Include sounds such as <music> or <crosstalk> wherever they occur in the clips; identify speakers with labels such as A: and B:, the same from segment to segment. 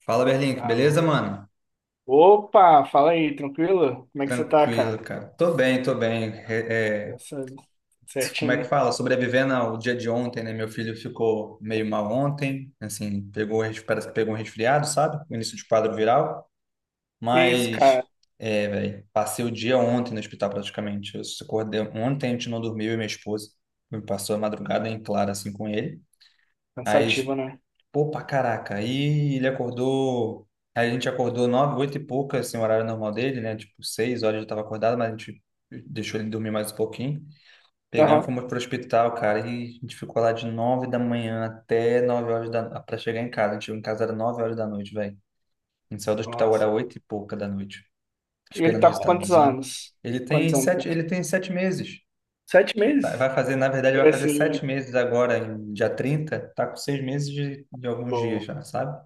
A: Fala, Berlink, beleza,
B: Alô?
A: mano?
B: Opa, fala aí, tranquilo? Como é que você tá,
A: Tranquilo,
B: cara?
A: cara. Tô bem, tô bem.
B: Essa-
A: Como é que
B: Certinho.
A: fala? Sobrevivendo ao dia de ontem, né? Meu filho ficou meio mal ontem, assim, pegou, parece que pegou um resfriado, sabe? O início de quadro viral.
B: Que isso,
A: Mas,
B: cara?
A: velho, passei o dia ontem no hospital praticamente. Eu só acordei ontem, a gente não dormiu, eu e minha esposa. Me Passou a madrugada em claro, assim, com ele. Aí,
B: Cansativo, né?
A: pô, pra caraca. Aí ele acordou. A gente acordou nove, oito e pouca, assim, o horário normal dele, né? Tipo, 6h eu tava acordado, mas a gente deixou ele dormir mais um pouquinho. Pegamos e
B: Aham.
A: fomos pro hospital, cara. E a gente ficou lá de 9h da manhã até 9 horas da, pra chegar em casa. A gente chegou em casa era 9h da noite, velho. A gente saiu do hospital era
B: Nossa.
A: oito e pouca da noite,
B: E ele
A: esperando o
B: tá com
A: resultado do
B: quantos
A: exame.
B: anos? Quantos anos?
A: Ele tem sete meses.
B: Sete
A: Vai
B: meses?
A: vai fazer, na verdade, vai
B: Era
A: fazer sete
B: assim,
A: meses agora, em dia 30. Tá com 6 meses de alguns dias
B: pô.
A: já, sabe?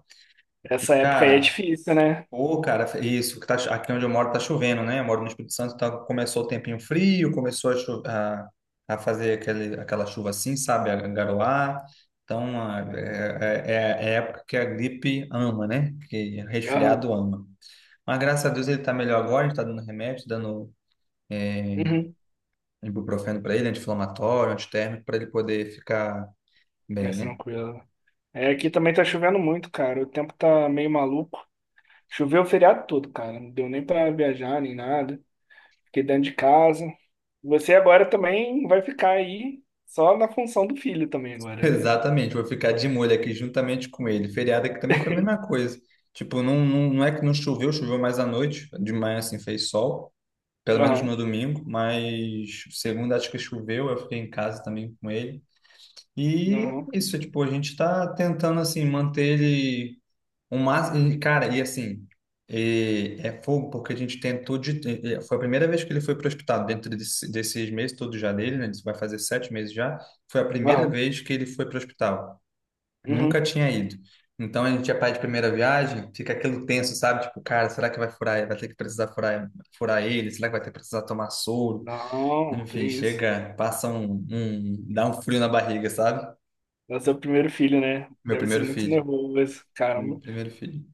A: E,
B: Essa época aí é
A: cara,
B: difícil, né?
A: ô, cara, isso, que tá, aqui onde eu moro tá chovendo, né? Eu moro no Espírito Santo, então começou o tempinho frio, começou a fazer aquele, aquela chuva assim, sabe? A garoar. Então, é a época que a gripe ama, né? Que
B: Aham.
A: resfriado ama. Mas graças a Deus ele tá melhor agora, a gente tá dando remédio, dando
B: Uhum.
A: ibuprofeno para ele, anti-inflamatório, antitérmico, para ele poder ficar bem,
B: Mas
A: né?
B: tranquilo. É, aqui também tá chovendo muito, cara. O tempo tá meio maluco. Choveu o feriado todo, cara. Não deu nem pra viajar, nem nada. Fiquei dentro de casa. Você agora também vai ficar aí só na função do filho também agora, né?
A: Exatamente, vou ficar de molho aqui juntamente com ele. Feriado aqui também foi a mesma
B: <laughs>
A: coisa. Tipo, não, não, não é que não choveu, choveu mais à noite, de manhã assim fez sol, pelo menos no
B: Aham,
A: domingo, mas segunda acho que choveu, eu fiquei em casa também com ele. E
B: aham,
A: é isso, tipo, a gente tá tentando assim manter ele o máximo. Cara, e assim, e é fogo porque a gente tentou de. E foi a primeira vez que ele foi pro hospital, dentro desse, desses meses todos já dele, né? Isso vai fazer 7 meses já. Foi a primeira
B: aham,
A: vez que ele foi pro hospital. Nunca
B: uhum.
A: tinha ido. Então a gente ia para de primeira viagem, fica aquilo tenso, sabe? Tipo, cara, será que vai furar, vai ter que precisar furar, furar ele? Será que vai ter que precisar tomar soro?
B: Não, que
A: Enfim,
B: isso.
A: chega, passa dá um frio na barriga, sabe?
B: É o seu primeiro filho, né?
A: Meu
B: Deve ser
A: primeiro
B: muito
A: filho.
B: nervoso,
A: Meu
B: caramba.
A: primeiro filho.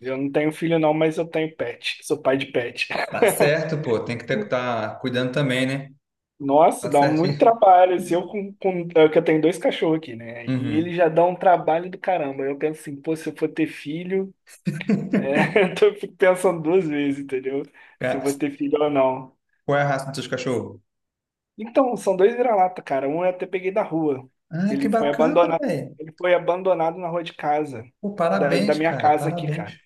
B: Eu não tenho filho não, mas eu tenho pet. Sou pai de pet.
A: Tá certo, pô, tem que ter,
B: <laughs>
A: tá cuidando também, né?
B: Nossa,
A: Tá
B: dá muito
A: certinho. <laughs>
B: trabalho. Se eu com é que eu tenho dois cachorros aqui, né? E eles
A: Uhum.
B: já dão um trabalho do caramba. Eu penso assim, pô, se eu for ter filho, é, <laughs> então eu fico pensando duas vezes, entendeu? Se eu vou
A: Ca-
B: ter filho ou não.
A: Qual é a raça dos seus cachorros?
B: Então, são dois vira-lata, cara. Um eu até peguei da rua, que
A: Ah, que bacana, velho.
B: ele foi abandonado na rua de casa,
A: Pô,
B: da
A: parabéns,
B: minha
A: cara,
B: casa aqui,
A: parabéns.
B: cara.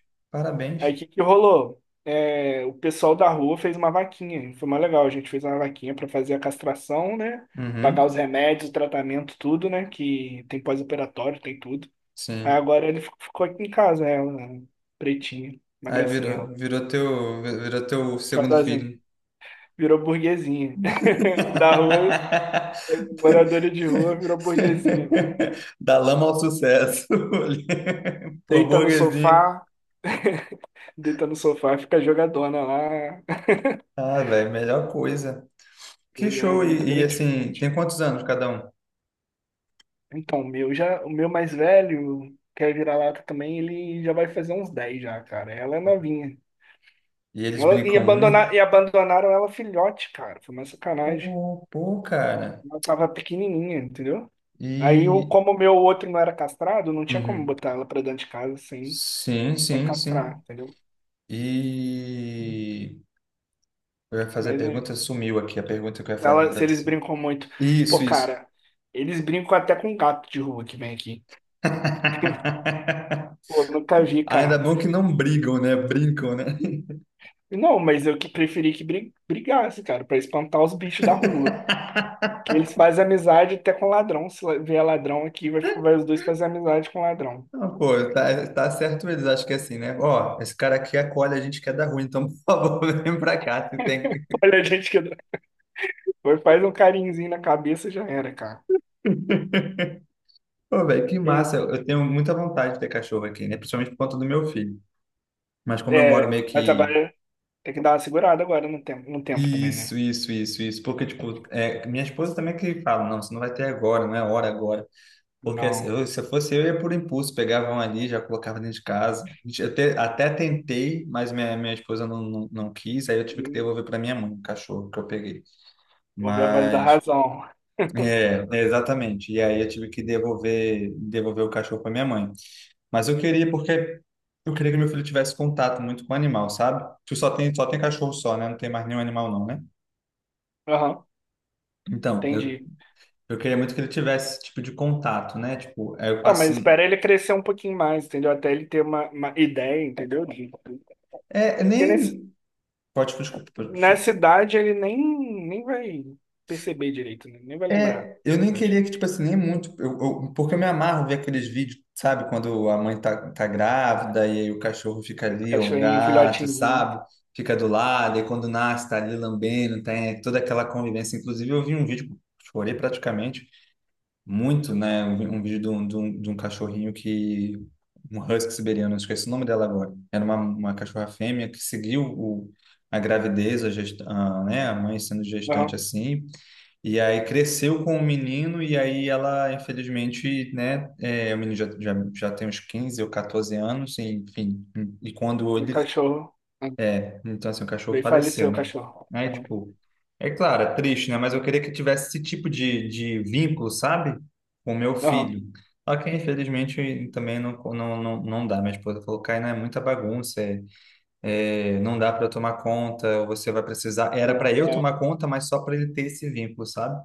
B: Aí
A: Parabéns.
B: o que que rolou? É, o pessoal da rua fez uma vaquinha, foi mais legal. A gente fez uma vaquinha pra fazer a castração, né? Pagar os
A: Uhum.
B: remédios, o tratamento, tudo, né? Que tem pós-operatório, tem tudo. Aí
A: Sim.
B: agora ele ficou aqui em casa, ela, pretinha, uma
A: Aí
B: gracinha, ela.
A: virou, virou teu
B: Tchau,
A: segundo filho.
B: virou burguesinha. <laughs> Da rua,
A: <laughs>
B: moradora de rua, virou burguesinha agora.
A: Da lama ao sucesso. <laughs> Pô,
B: Deita no
A: burguesinha.
B: sofá, deita no sofá, fica jogadona lá.
A: Ah, velho, melhor coisa. Que
B: É
A: show.
B: muito
A: E, assim,
B: gratificante.
A: tem quantos anos cada um?
B: Então, o meu já, o meu mais velho, que é vira-lata também, ele já vai fazer uns 10 já, cara. Ela é novinha.
A: E eles brincam muito.
B: E abandonaram ela filhote, cara. Foi uma sacanagem.
A: Pô, pô, cara.
B: Ela tava pequenininha, entendeu? Aí,
A: E.
B: como o meu outro não era castrado, não tinha como
A: Uhum.
B: botar ela pra dentro de casa sem,
A: Sim,
B: sem
A: sim,
B: castrar,
A: sim.
B: entendeu?
A: E. Eu ia fazer a
B: Mas é.
A: pergunta, sumiu aqui a pergunta que eu ia fazer
B: Ela,
A: para
B: se
A: tu.
B: eles brincam muito.
A: Isso,
B: Pô,
A: isso.
B: cara, eles brincam até com gato de rua que vem aqui. <laughs>
A: <laughs>
B: Pô, nunca vi,
A: Ainda
B: cara.
A: bom que não brigam, né? Brincam, né? <laughs>
B: Não, mas eu que preferi que brigasse, cara, pra espantar os bichos da rua. Que eles fazem amizade até com ladrão. Se vier ladrão aqui, vai, vai os dois fazer amizade com ladrão.
A: Ah, pô, tá, tá certo eles, acho que é assim, né? Ó, esse cara aqui acolhe a gente que é da rua, então, <laughs> por favor, vem pra cá. Tu tem que...
B: <laughs> Olha a gente que. Vai, faz um carinhozinho na cabeça e já era, cara.
A: Pô, velho, que
B: E-
A: massa. Eu tenho muita vontade de ter cachorro aqui, né? Principalmente por conta do meu filho. Mas como eu moro
B: é,
A: meio
B: mas
A: que...
B: agora tem que dar uma segurada agora no tempo, no tempo também, né?
A: Isso, isso, isso, isso. Porque, tipo, é, minha esposa também que fala, não, você não vai ter agora, não é hora agora. Porque
B: Não.
A: eu, se eu fosse eu, ia por impulso, pegava um ali, já colocava dentro de casa. A gente- Eu te- Até tentei, mas minha esposa não, não, não quis, aí eu tive que
B: Hum,
A: devolver para minha mãe, o cachorro que eu peguei.
B: ouvi a voz da
A: Mas,
B: razão.
A: exatamente. E aí eu tive que devolver, devolver o cachorro para minha mãe. Mas eu queria, porque eu queria que meu filho tivesse contato muito com o animal, sabe? Tu só tem cachorro só, né? Não tem mais nenhum animal, não, né?
B: Aham,
A: Então,
B: entendi.
A: eu queria muito que ele tivesse esse tipo de contato, né? Tipo, aí eu
B: Então,
A: passo.
B: mas espera ele crescer um pouquinho mais, entendeu? Até ele ter uma ideia, entendeu? Porque
A: É,
B: nesse,
A: nem. Pode, desculpa,
B: nessa idade ele nem, nem vai perceber direito, né? Nem vai lembrar.
A: Eu nem
B: Acho.
A: queria que, tipo assim, nem muito, porque eu me amarro ver aqueles vídeos, sabe, quando a mãe tá, tá grávida e aí o cachorro fica
B: Aí o
A: ali, ou o
B: cachorrinho, um
A: gato,
B: filhotinho. Um,
A: sabe, fica do lado, e quando nasce tá ali lambendo, tem toda aquela convivência. Inclusive, eu vi um vídeo, chorei praticamente muito, né, um vídeo de um cachorrinho que, um husky siberiano, esqueci o nome dela agora, era uma cachorra fêmea que seguiu o, a gravidez, a, gesta, a, né, a mãe sendo gestante
B: aham.
A: assim, e aí cresceu com o menino, e aí ela, infelizmente, né, é, o menino já tem uns 15 ou 14 anos, e, enfim, e quando
B: O
A: ele,
B: cachorro. Aham.
A: é, então assim, o cachorro
B: Veio falecer
A: faleceu,
B: o
A: né?
B: cachorro.
A: Aí,
B: Aham.
A: tipo, é claro, é triste, né? Mas eu queria que eu tivesse esse tipo de vínculo, sabe? Com o meu
B: Aham.
A: filho. Só que, infelizmente, também não dá. Minha esposa falou, Caio, é muita bagunça, não dá para tomar conta, você vai precisar... Era para
B: Não,
A: eu
B: é.
A: tomar conta, mas só para ele ter esse vínculo, sabe?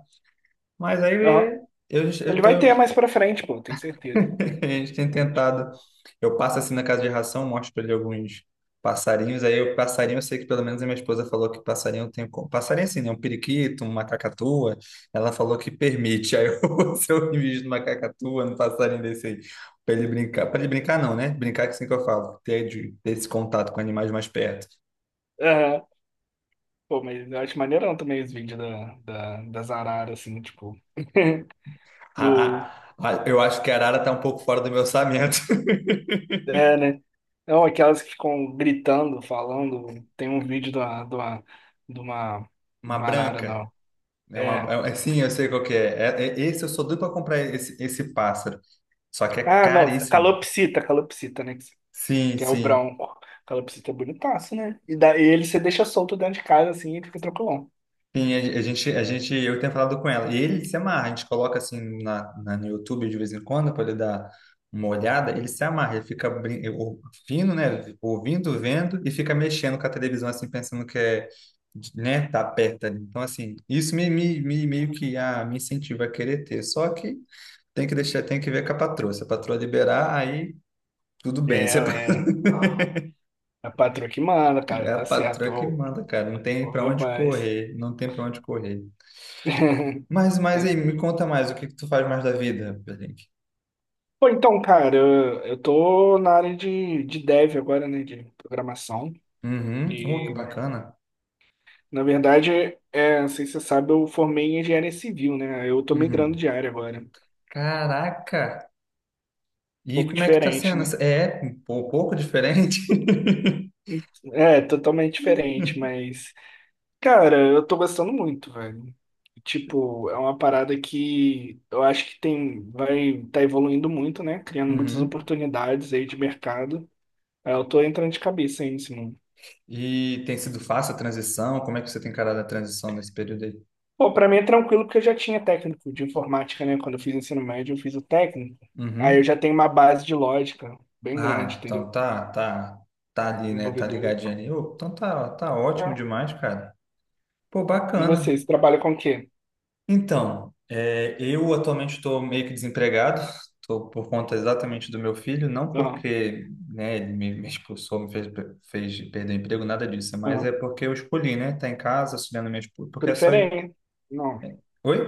A: Mas aí
B: Aham.
A: eu, eu
B: Ele
A: eu
B: vai ter
A: tô,
B: mais pra frente, pô, tenho certeza que vai
A: <laughs> a
B: ter mais
A: gente tem
B: pra frente.
A: tentado. Eu passo assim na casa de ração, mostro para ele alguns passarinhos. Aí o passarinho, eu sei que pelo menos a minha esposa falou que passarinho tem. Passarinho assim, né? Um periquito, uma cacatua. Ela falou que permite. Aí eu, <laughs> se eu invisto numa cacatua, num passarinho desse aí, para ele brincar. Para ele brincar, não, né? Brincar que assim que eu falo, ter, de- ter esse contato com animais mais perto.
B: Aham. Pô, mas eu acho maneirão também os vídeos das araras, assim, tipo. <laughs> do
A: Eu acho que a arara tá um pouco fora do meu orçamento.
B: É, né? Não, aquelas que ficam gritando, falando. Tem um vídeo de
A: <laughs> Uma
B: uma barara,
A: branca.
B: não.
A: É uma,
B: É.
A: sim, eu sei qual que é. Esse eu sou doido para comprar esse, esse pássaro. Só que é
B: Ah, não,
A: caríssimo.
B: calopsita, calopsita, né?
A: Sim,
B: Que é o
A: sim.
B: branco. Calopsita é bonitaço, né? E daí ele você deixa solto dentro de casa assim e fica tranquilão.
A: Sim, a gente, eu tenho falado com ela. E ele se amarra. A gente coloca assim no YouTube de vez em quando para ele dar uma olhada. Ele se amarra. Ele fica ouvindo, né? Ouvindo, vendo e fica mexendo com a televisão assim, pensando que é, né? Tá perto ali. Então assim, isso meio que ah, me incentiva a querer ter. Só que tem que deixar, tem que ver com a patroa. Se a patroa liberar, aí tudo
B: É,
A: bem, você...
B: é.
A: <laughs>
B: É a patroa que manda, cara,
A: é a
B: tá certo.
A: patroa que
B: Ô,
A: manda, cara. Não tem
B: ô,
A: pra onde
B: rapaz.
A: correr, não tem pra onde correr.
B: <laughs>
A: Mas
B: Mas,
A: aí, me conta mais, o que que tu faz mais da vida, Berlink?
B: pô, então, cara, eu tô na área de dev agora, né? De programação.
A: Uhum. Oh, que
B: E
A: bacana.
B: na verdade, é, não sei se você sabe, eu formei em engenharia civil, né? Eu tô migrando
A: Uhum.
B: de área agora. Um
A: Caraca! E
B: pouco
A: como é que tá
B: diferente,
A: sendo?
B: né?
A: É um pouco diferente. <laughs>
B: É, totalmente diferente, mas, cara, eu tô gostando muito, velho. Tipo, é uma parada que eu acho que tem, vai evoluindo muito, né? Criando muitas
A: Uhum.
B: oportunidades aí de mercado. Aí eu tô entrando de cabeça aí nesse mundo.
A: E tem sido fácil a transição? Como é que você tem encarado a transição nesse período aí?
B: Pô, pra mim é tranquilo porque eu já tinha técnico de informática, né? Quando eu fiz ensino médio, eu fiz o técnico. Aí eu
A: Uhum.
B: já tenho uma base de lógica bem grande,
A: Ah,
B: entendeu?
A: então tá ali, né? Tá
B: Desenvolvedor e
A: ligadinho
B: tal.
A: ali. Ô, então ótimo
B: Ah,
A: demais, cara. Pô,
B: e
A: bacana.
B: vocês trabalham com o quê?
A: Então, é, eu atualmente estou meio que desempregado, estou por conta exatamente do meu filho, não
B: Aham,
A: porque, né, ele me expulsou, me fez, fez perder o emprego, nada disso, mas é
B: aham.
A: porque eu escolhi, né, tá em casa auxiliando minha esposa, porque é só...
B: Preferência. Não.
A: Oi?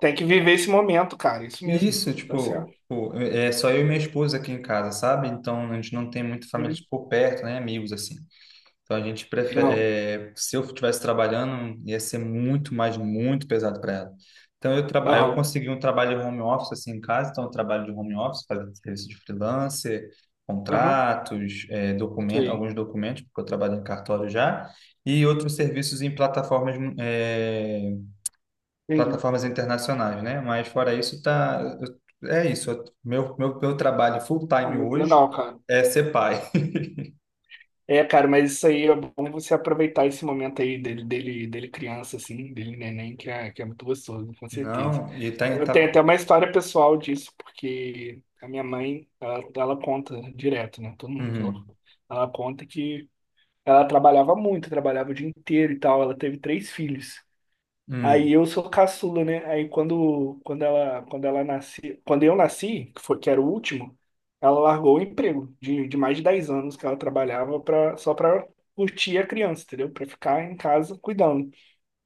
B: Tem que viver esse momento, cara. Isso mesmo.
A: Isso,
B: Tá certo.
A: tipo, pô, é só eu e minha esposa aqui em casa, sabe? Então, a gente não tem muita família,
B: Uhum.
A: tipo, por perto, né, amigos, assim. Então a gente
B: Aham,
A: prefere, é, se eu estivesse trabalhando, ia ser muito pesado para ela. Então eu, aí eu
B: aham,
A: consegui um trabalho home office assim em casa, então eu trabalho de home office, fazendo serviço de freelancer,
B: aham.
A: contratos, é,
B: Isso
A: documentos,
B: aí.
A: alguns documentos, porque eu trabalho em cartório já, e outros serviços em plataformas, é,
B: Entendi.
A: plataformas internacionais, né? Mas fora isso, tá, é isso. Meu trabalho full
B: Pô,
A: time
B: muito
A: hoje
B: legal, cara.
A: é ser pai.
B: É, cara, mas isso aí é bom você aproveitar esse momento aí dele criança, assim, dele neném, que é muito gostoso, com certeza.
A: Não, e tá,
B: Eu tenho
A: tá,
B: até uma história pessoal disso, porque a minha mãe, ela conta direto, né? Todo mundo que ela,
A: uhum.
B: ela conta que ela trabalhava muito, trabalhava o dia inteiro e tal. Ela teve três filhos. Aí
A: Hum.
B: eu sou caçula, né? Aí quando eu nasci, que era o último, ela largou o emprego de mais de 10 anos que ela trabalhava pra, só para curtir a criança, entendeu? Para ficar em casa cuidando.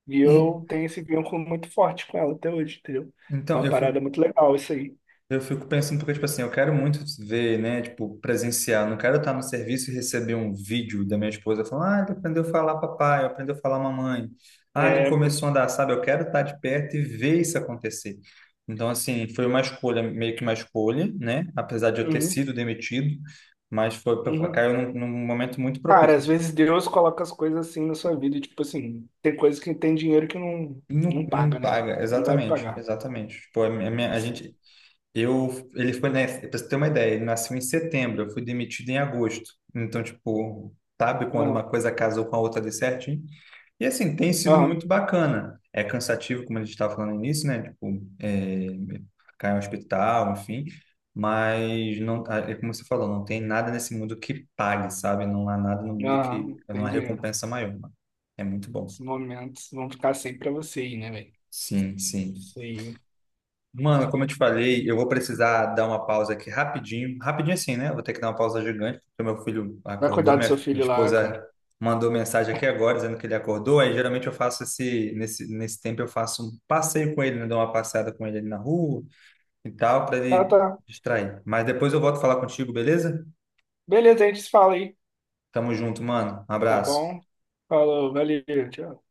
B: E
A: E,
B: eu tenho esse vínculo muito forte com ela até hoje, entendeu? É
A: então,
B: uma
A: eu
B: parada
A: fico,
B: muito legal isso aí.
A: eu fico pensando, porque, tipo assim, eu quero muito ver, né, tipo, presenciar, não quero estar no serviço e receber um vídeo da minha esposa falando, ah, ele aprendeu a falar papai, aprendeu a falar mamãe, ah, ele
B: É, pô.
A: começou a andar, sabe? Eu quero estar de perto e ver isso acontecer. Então, assim, foi uma escolha, meio que uma escolha, né, apesar de eu ter
B: Uhum,
A: sido demitido, mas foi,
B: uhum.
A: caiu num momento muito
B: Cara,
A: propício.
B: às vezes Deus coloca as coisas assim na sua vida, tipo assim, tem coisas que tem dinheiro que não, não
A: Não, não
B: paga, né?
A: paga,
B: Não vai
A: exatamente,
B: pagar.
A: exatamente. Tipo, a minha, a
B: Assim,
A: gente, eu, ele foi, né, pra você ter uma ideia, ele nasceu em setembro, eu fui demitido em agosto. Então, tipo, sabe quando uma
B: aham,
A: coisa casou com a outra de certinho? E assim, tem sido
B: aham,
A: muito bacana. É cansativo, como a gente estava falando no início, né? Tipo, é, cair no hospital, enfim. Mas, não, ah, é como você falou, não tem nada nesse mundo que pague, sabe? Não há nada no mundo que...
B: aham,
A: Não
B: tem
A: há
B: dinheiro.
A: recompensa maior, mano. É muito bom.
B: Esses momentos vão ficar sempre pra você aí, né, velho?
A: Sim, sim.
B: Isso aí.
A: Mano, como eu te falei, eu vou precisar dar uma pausa aqui rapidinho. Rapidinho assim, né? Eu vou ter que dar uma pausa gigante, porque meu filho
B: Vai
A: acordou,
B: cuidar do seu
A: minha
B: filho lá, cara.
A: esposa mandou mensagem aqui agora dizendo que ele acordou. Aí geralmente eu faço esse, nesse, nesse tempo eu faço um passeio com ele, né? Dou uma passeada com ele ali na rua e tal, para
B: Tá,
A: ele
B: tá.
A: distrair. Mas depois eu volto a falar contigo, beleza?
B: Beleza, a gente se fala aí,
A: Tamo junto, mano. Um
B: tá
A: abraço.
B: bom? Falou, valeu, tchau.